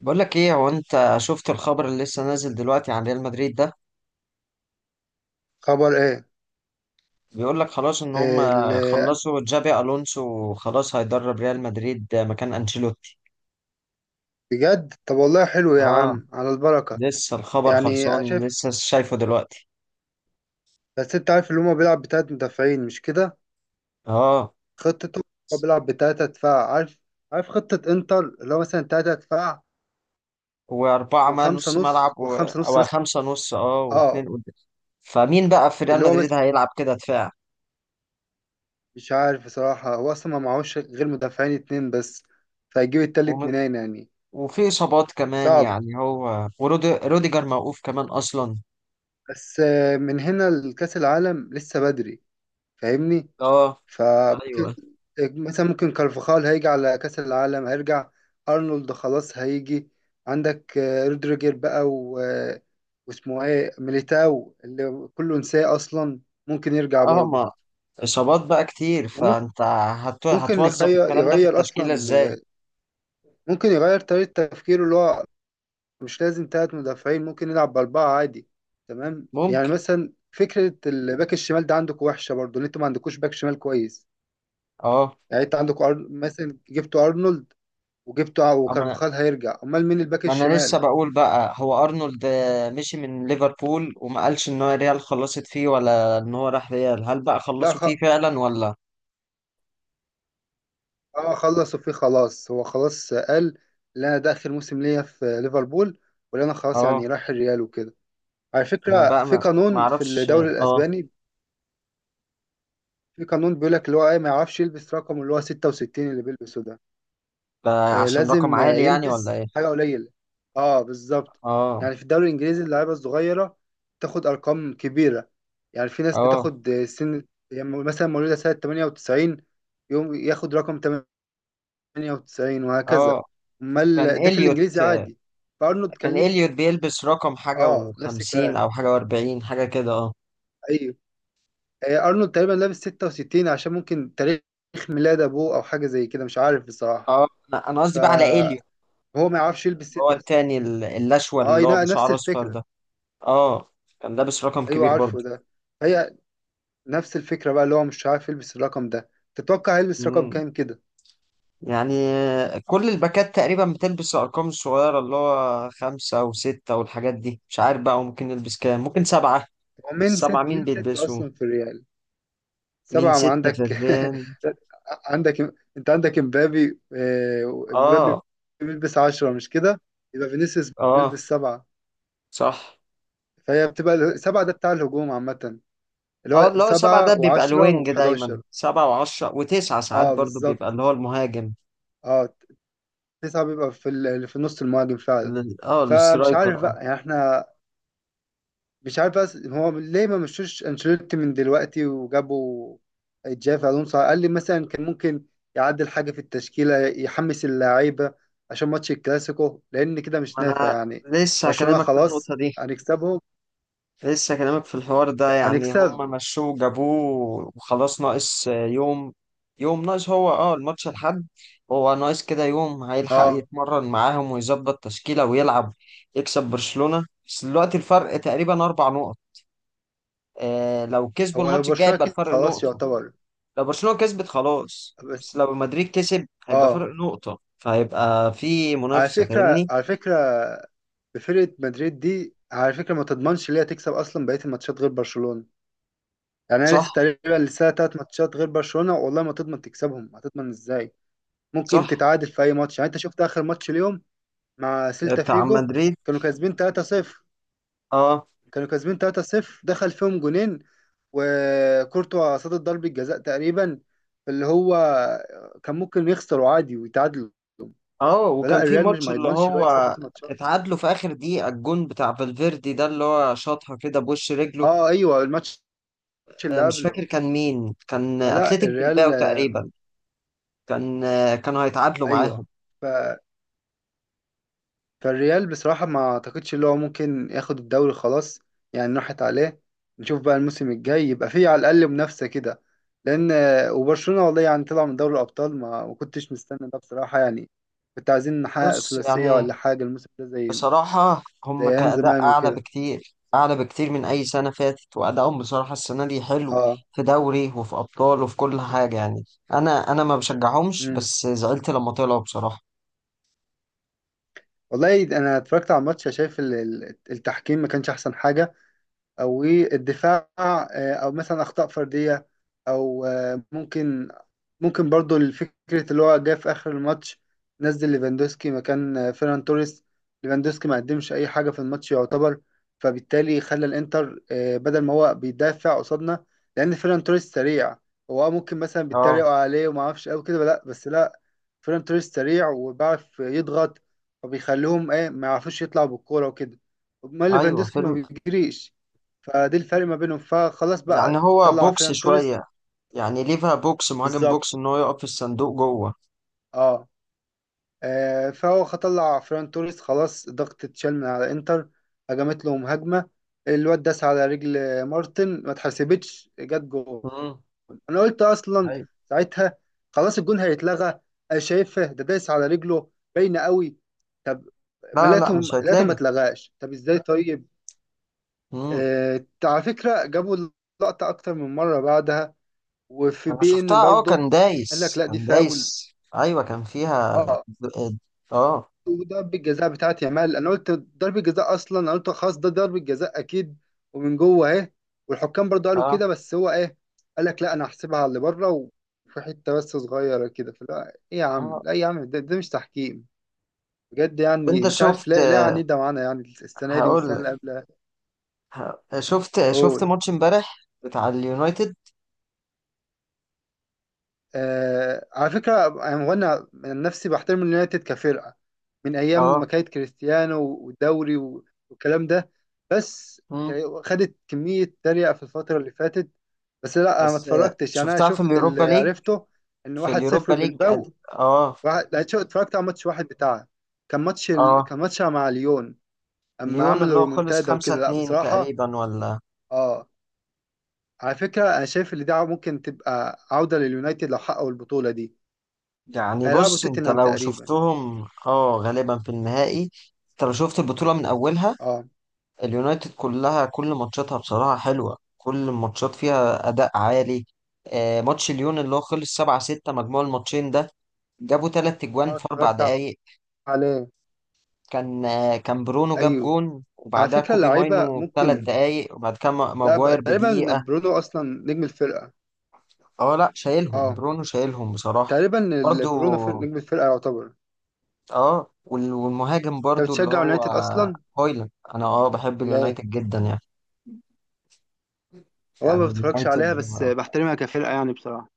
بقول لك ايه هو انت شفت الخبر اللي لسه نازل دلوقتي عن ريال مدريد ده؟ خبر ايه؟ بيقول لك خلاص ان هم ال- خلصوا جابي الونسو وخلاص هيدرب ريال مدريد مكان انشيلوتي. بجد، طب والله حلو يا اه. عم، على البركة. لسه الخبر يعني خلصان شايف. لسه شايفه دلوقتي. بس انت عارف اللي هما بيلعب بتلات مدافعين مش كده؟ اه خطته. هو بيلعب بتلاتة دفاع، عارف. عارف خطة انتر اللي هو مثلا تلاتة دفاع، واربعه ما وخمسة نص ملعب نص وخمسة او نص مثلا. خمسه نص واثنين اه. قدام. فمين بقى في ريال اللي هو مدريد مثلا هيلعب كده دفاع؟ مش عارف بصراحة، هو اصلا ما معهوش غير مدافعين اتنين بس، فهيجيب التالت وم... منين يعني؟ وفي اصابات كمان صعب. يعني هو وروديجر موقوف كمان اصلا. بس من هنا لكأس العالم لسه بدري، فاهمني. اه. ف ايوه. مثلا ممكن كارفاخال هيجي على كأس العالم، هيرجع. أرنولد خلاص هيجي. عندك رودريجر بقى و... آه، واسمه ايه ميليتاو اللي كله نساه أصلا، ممكن يرجع اه. برضه. ما إصابات بقى كتير وممكن، فأنت ممكن هتوظف يغير الكلام ده في يغير التشكيلة أصلا إزاي؟ آه، ممكن يغير طريقة تفكيره. اللي هو مش لازم تلات مدافعين، ممكن يلعب بأربعة عادي. تمام، يعني ممكن. مثلا فكرة الباك الشمال ده عندكم وحشة برضه، إن أنتوا ما عندكوش باك شمال كويس. أه. يعني أنت عندكوا مثلا جبتوا أرنولد وجبته، أما أنا وكارفاخال هيرجع، امال مين الباك ما أنا لسه الشمال؟ بقول بقى هو أرنولد مشي من ليفربول وما قالش إن هو ريال خلصت فيه ولا إن هو راح ريال. هل بقى لا خلصوا خ... فيه فعلا ولا؟ اه خلص وفيه، خلاص هو خلاص قال: لا، انا ده اخر موسم ليا في ليفربول، ولا انا خلاص يعني أه. رايح الريال وكده. على أنا فكره بقى في ما ما قانون في أعرفش. الدوري أه. الاسباني، في قانون بيقول لك اللي هو ايه، ما يعرفش يلبس رقم اللي هو 66 اللي بيلبسه ده. ده عشان رقم لازم عالي يعني ولا يلبس إيه؟ حاجه قليله. اه بالظبط. أه. يعني في الدوري الانجليزي، اللعيبه الصغيره تاخد ارقام كبيره، يعني في ناس أه. بتاخد سن، يعني مثلا مولوده سنه 98، يوم ياخد رقم 98 أه. وهكذا. كان امال ده في إليوت الانجليزي عادي. فارنولد كان كان ليه؟ إليوت بيلبس رقم حاجة اه نفس وخمسين الكلام. أو حاجة وأربعين حاجة كده. أه. ايوه. ارنولد تقريبا لابس 66 عشان ممكن تاريخ ميلاد ابوه او حاجه زي كده، مش عارف بصراحه. أه. أنا قصدي بقى على إليوت. فهو ما يعرفش يلبس هو 66. التاني الأشول اه اللي هو لا، نفس بشعر أصفر الفكره. ده. اه كان لابس رقم ايوه كبير عارفه برضه. ده. هي نفس الفكره بقى، اللي هو مش عارف يلبس الرقم ده، تتوقع هيلبس رقم مم. كام كده؟ يعني كل الباكات تقريبا بتلبس الأرقام الصغيرة، اللي هو خمسة وستة والحاجات دي، مش عارف بقى ممكن يلبس كام، ممكن سبعة. هو من السبعة ست مين من ست بيلبسوا؟ اصلا في الريال. مين سبعه ما ستة في عندك. الريان؟ عندك، انت عندك امبابي، امبابي اه. بيلبس عشرة مش كده؟ يبقى فينيسيوس اه. بيلبس سبعة. صح. فهي بتبقى سبعة ده بتاع الهجوم عامة، اللي اه هو اللي هو سبعة ده سبعة بيبقى وعشرة الوينج، دايما وحداشر. سبعة وعشرة وتسعة، ساعات اه برضه بيبقى بالظبط. اللي هو المهاجم. اه. تسعة بيبقى في اللي في نص المهاجم فعلا. فمش السترايكر. عارف اه. بقى، يعني احنا مش عارف، بس هو ليه ما مشوش انشيلوتي من دلوقتي وجابوا جافي الونسو؟ على الاقل مثلا كان ممكن يعدل حاجه في التشكيله، يحمس اللعيبه عشان ماتش الكلاسيكو، لان كده مش ما نافع أنا يعني. لسه برشلونه هكلمك في خلاص النقطة دي. هنكسبهم. لسه كلامك في الحوار ده، يعني هنكسب. هم مشوه وجابوه وخلاص ناقص يوم. يوم ناقص، هو الماتش الحد. هو ناقص كده يوم، هيلحق اه. يتمرن معاهم ويظبط تشكيلة ويلعب يكسب برشلونة. بس دلوقتي الفرق تقريبا أربع نقط. لو كسبوا هو لو الماتش الجاي برشلونه يبقى كسب الفرق خلاص، نقطة. يعتبر. لو برشلونة كسبت خلاص، بس. بس لو مدريد كسب هيبقى اه. فرق نقطة، فهيبقى في على منافسة فكره فاهمني. على فكره فرقه مدريد دي على فكره ما تضمنش ليه تكسب اصلا بقيه الماتشات غير برشلونه. يعني انا لسه صح. تقريبا لسه تلات ماتشات غير برشلونة، والله ما تضمن تكسبهم، هتضمن ازاي؟ ممكن صح. تتعادل في اي ماتش. يعني انت شفت اخر ماتش اليوم مع سيلتا بتاع فيجو، مدريد. كانوا كاسبين 3-0. اه. كانوا كاسبين 3-0، دخل فيهم جونين وكورتوا صد ضربة جزاء تقريبا، اللي هو كان ممكن يخسروا عادي ويتعادلوا. اه. فلا وكان في الريال مش ماتش ما اللي يضمنش اللي هو هو يكسب بيت الماتشات. اتعادلوا في اخر دقيقة، الجون بتاع فالفيردي ده اللي هو شاطها كده بوش رجله. اه ايوه، الماتش اللي مش قبله. فاكر كان مين، كان فلا اتلتيك الريال بلباو آه، تقريبا. كانوا هيتعادلوا معاهم. ايوه. ف فالريال بصراحة ما أعتقدش اللي هو ممكن ياخد الدوري خلاص، يعني راحت عليه. نشوف بقى الموسم الجاي يبقى فيه على الأقل منافسة كده، لأن... وبرشلونة والله يعني طلع من دوري الأبطال، ما كنتش مستني ده بصراحة، يعني كنت عايزين نحقق بص ثلاثية يعني، ولا حاجة الموسم ده، بصراحة زي هم أيام كأداء زمان أعلى وكده. بكتير، أعلى بكتير من أي سنة فاتت، وأدائهم بصراحة السنة دي حلو. اه. في دوري وفي أبطال وفي كل حاجة يعني. أنا ما بشجعهمش امم. بس زعلت لما طلعوا بصراحة. والله أنا اتفرجت على الماتش، شايف التحكيم ما كانش أحسن حاجة، او ايه الدفاع، او مثلا اخطاء فرديه، او، ممكن برضو الفكره اللي هو جه في اخر الماتش. نزل ليفاندوسكي مكان فيران توريس. ليفاندوسكي ما قدمش اي حاجه في الماتش يعتبر، فبالتالي خلى الانتر، بدل ما هو بيدافع قصادنا، لان فيران توريس سريع. هو، ممكن مثلا بيتريقوا اه. عليه وما اعرفش قوي كده، لا بس لا. فيران توريس سريع وبيعرف يضغط، فبيخليهم ايه ما يعرفوش يطلعوا بالكوره وكده. امال أيوه. ليفاندوسكي ما فيلم. بيجريش، فدي الفرق ما بينهم. فخلاص يعني بقى هو طلع بوكس فيران توريس. شوية، يعني ليفها بوكس، مهاجم بالظبط. بوكس ان هو يقف في الصندوق جوه. اه. فهو طلع فيران توريس، خلاص ضغط اتشال من على انتر، هجمت لهم هجمة، الواد داس على رجل مارتن، ما اتحسبتش جت جول. مم. انا قلت اصلا ايوه. ساعتها: خلاص الجون هيتلغى، انا شايفه ده داس على رجله، باينة قوي. طب ما لا، لا، لقيتهم مش لقيتهم ما هيتلغي. اتلغاش، طب ازاي طيب؟ مم. على فكرة جابوا اللقطة اكتر من مرة بعدها، وفي انا بي شفتها، ان برضه كان قال لك دايس لا، دي كان فاول. دايس. ايوه كان فيها. اه. د- اه. وضربة جزاء بتاعت يامال، انا قلت ضربة جزاء اصلا، انا قلت خلاص ده ضربة جزاء اكيد، ومن جوه اهي، والحكام برضه قالوا اه. كده، بس هو ايه قال لك: لا، انا هحسبها على اللي بره، وفي حته بس صغيره كده. فلا ايه يا عم، اه. لا يا عم، ده مش تحكيم بجد. يعني انت مش عارف، شفت؟ لا لا، يعني ده معانا يعني السنه دي هقول والسنه لك. اللي قبلها. شفت قول. ماتش امبارح بتاع اليونايتد. على فكرة يعني، وانا من نفسي بحترم اليونايتد كفرقة من أيام اه. ما كانت كريستيانو والدوري والكلام ده، بس مم. خدت كمية تريقة في الفترة اللي فاتت. بس لا أنا ما بس اتفرجتش يعني، أنا شفتها في شفت اليوروبا اللي ليج. عرفته، إن في واحد اليوروبا صفر ليج بالباو. واحد، لا، اتفرجت على ماتش واحد بتاعها، كان ماتش اه مع ليون، أما ليون عملوا اللي هو خلص رومونتادا 5 وكده لا 2 بصراحة. تقريبا ولا؟ آه على فكرة أنا شايف إن دي ممكن تبقى عودة لليونايتد لو حققوا البطولة دي، يعني هيلعبوا بص، انت توتنهام لو تقريبا. شفتهم غالبا في النهائي. انت لو شفت البطولة من اولها، اه. اليونايتد كلها كل ماتشاتها بصراحة حلوة، كل الماتشات فيها اداء عالي. ماتش ليون اللي هو خلص 7-6 مجموع الماتشين ده، جابوا تلات اه اجوان في اربع اتفرجت دقايق. عليه. كان برونو جاب ايوه. جون، على وبعدها فكره كوبي اللعيبه ماينو بثلاث ممكن، دقايق، وبعد كده لا بقى ماجواير تقريبا بدقيقة. برونو اصلا نجم الفرقه. اه لا، شايلهم اه. برونو، شايلهم بصراحة. تقريبا برضو. برونو نجم الفرقه يعتبر. اه والمهاجم انت برضو اللي بتشجع هو يونايتد اصلا هويلاند، انا بحب ولا ايه؟ اليونايتد جدا يعني. هو أنا ما يعني بتفرجش عليها، اليونايتد. بس بحترمها كفرقه يعني بصراحه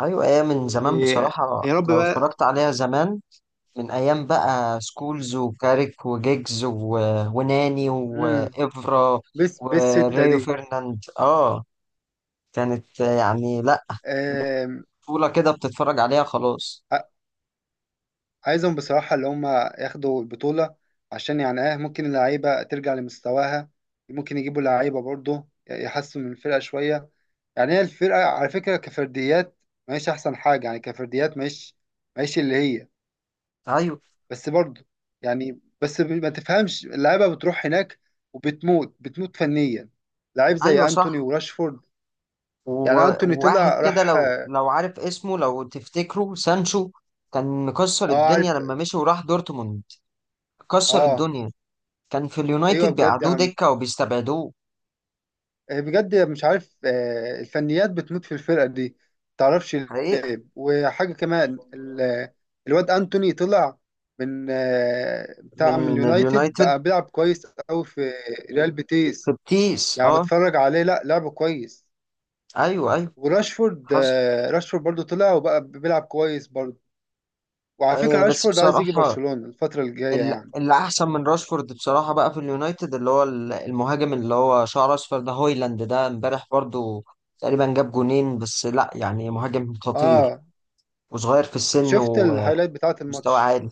ايوه، ايام من زمان و... بصراحه يا رب لو بقى. اتفرجت عليها زمان. من ايام بقى سكولز وكاريك وجيجز وناني امم. وافرا بس ستة وريو دي فيرناند. اه. كانت يعني، لا، آم، بطوله كده بتتفرج عليها خلاص. ع- عايزهم بصراحه اللي هم ياخدوا البطوله، عشان يعني اه ممكن اللعيبه ترجع لمستواها، ممكن يجيبوا لعيبه برضه يحسنوا من الفرقه شويه. يعني هي الفرقة على فكرة كفرديات ماهيش أحسن حاجة، يعني كفرديات ماهيش، ماهيش اللي هي. ايوه. بس برضه يعني، بس ما تفهمش اللعيبة بتروح هناك وبتموت فنيا، لعيب ايوه. زي أنتوني صح. وراشفورد. يعني أنتوني وواحد طلع كده، راح لو آه لو عارف اسمه، لو تفتكره، سانشو. كان مكسر الدنيا عارف. لما مشي وراح دورتموند. كسر آه. الدنيا. كان في أيوه اليونايتد بجد بيقعدوه يعني دكة وبيستبعدوه. آه، بجد مش عارف، الفنيات بتموت في الفرقة دي، متعرفش حقيقة. ليه. وحاجة كمان الواد أنتوني طلع من، بتاع من من اليونايتد، اليونايتد، بقى بيلعب كويس أوي في ريال في بيتيس. بتيس. يعني اه. بتفرج عليه، لا لعبه كويس. ايوه. ايوه. وراشفورد حصل. آه، راشفورد برضو طلع وبقى بيلعب كويس برضو. وعلى فكرة بس راشفورد عايز يجي بصراحة برشلونة الفترة الجاية يعني. اللي احسن من راشفورد بصراحة بقى في اليونايتد، اللي هو المهاجم اللي هو شعره اصفر ده، هويلاند، ده امبارح برضو تقريبا جاب جونين. بس لا يعني مهاجم خطير، اه. وصغير في السن، شفت ومستوى الهايلايت بتاعة الماتش؟ عالي.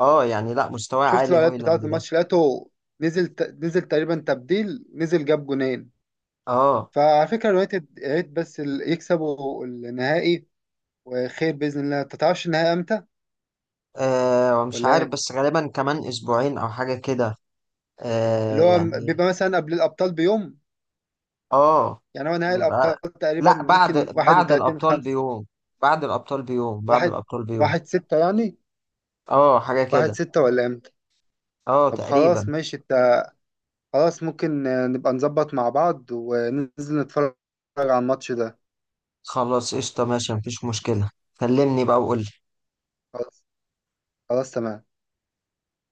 اه يعني لا، مستوى شفت عالي الاعلانات بتاعة هويلاند ده. الماتش، لقيته نزل تقريبا تبديل، نزل جاب جونين. اه. فعلى فكرة اليونايتد يا ريت بس يكسبوا النهائي، وخير بإذن الله. انت تعرفش النهائي امتى ومش ولا عارف، ايه؟ بس غالبا كمان اسبوعين او حاجة كده. آه اللي هو يعني بيبقى مثلا قبل الأبطال بيوم، اه يعني هو نهائي يبقى الأبطال تقريبا لا، بعد ممكن بعد 31 الابطال 5 بيوم. بعد الابطال بيوم. بعد واحد الابطال بيوم. واحد ستة يعني، اه حاجة واحد كده. ستة ولا امتى؟ اه طب خلاص تقريبا. ماشي انت. خلاص ممكن نبقى نظبط مع بعض وننزل نتفرج على الماتش ده. خلاص قشطة، ماشي، مفيش مشكلة. كلمني بقى وقول. خلاص. خلاص تمام.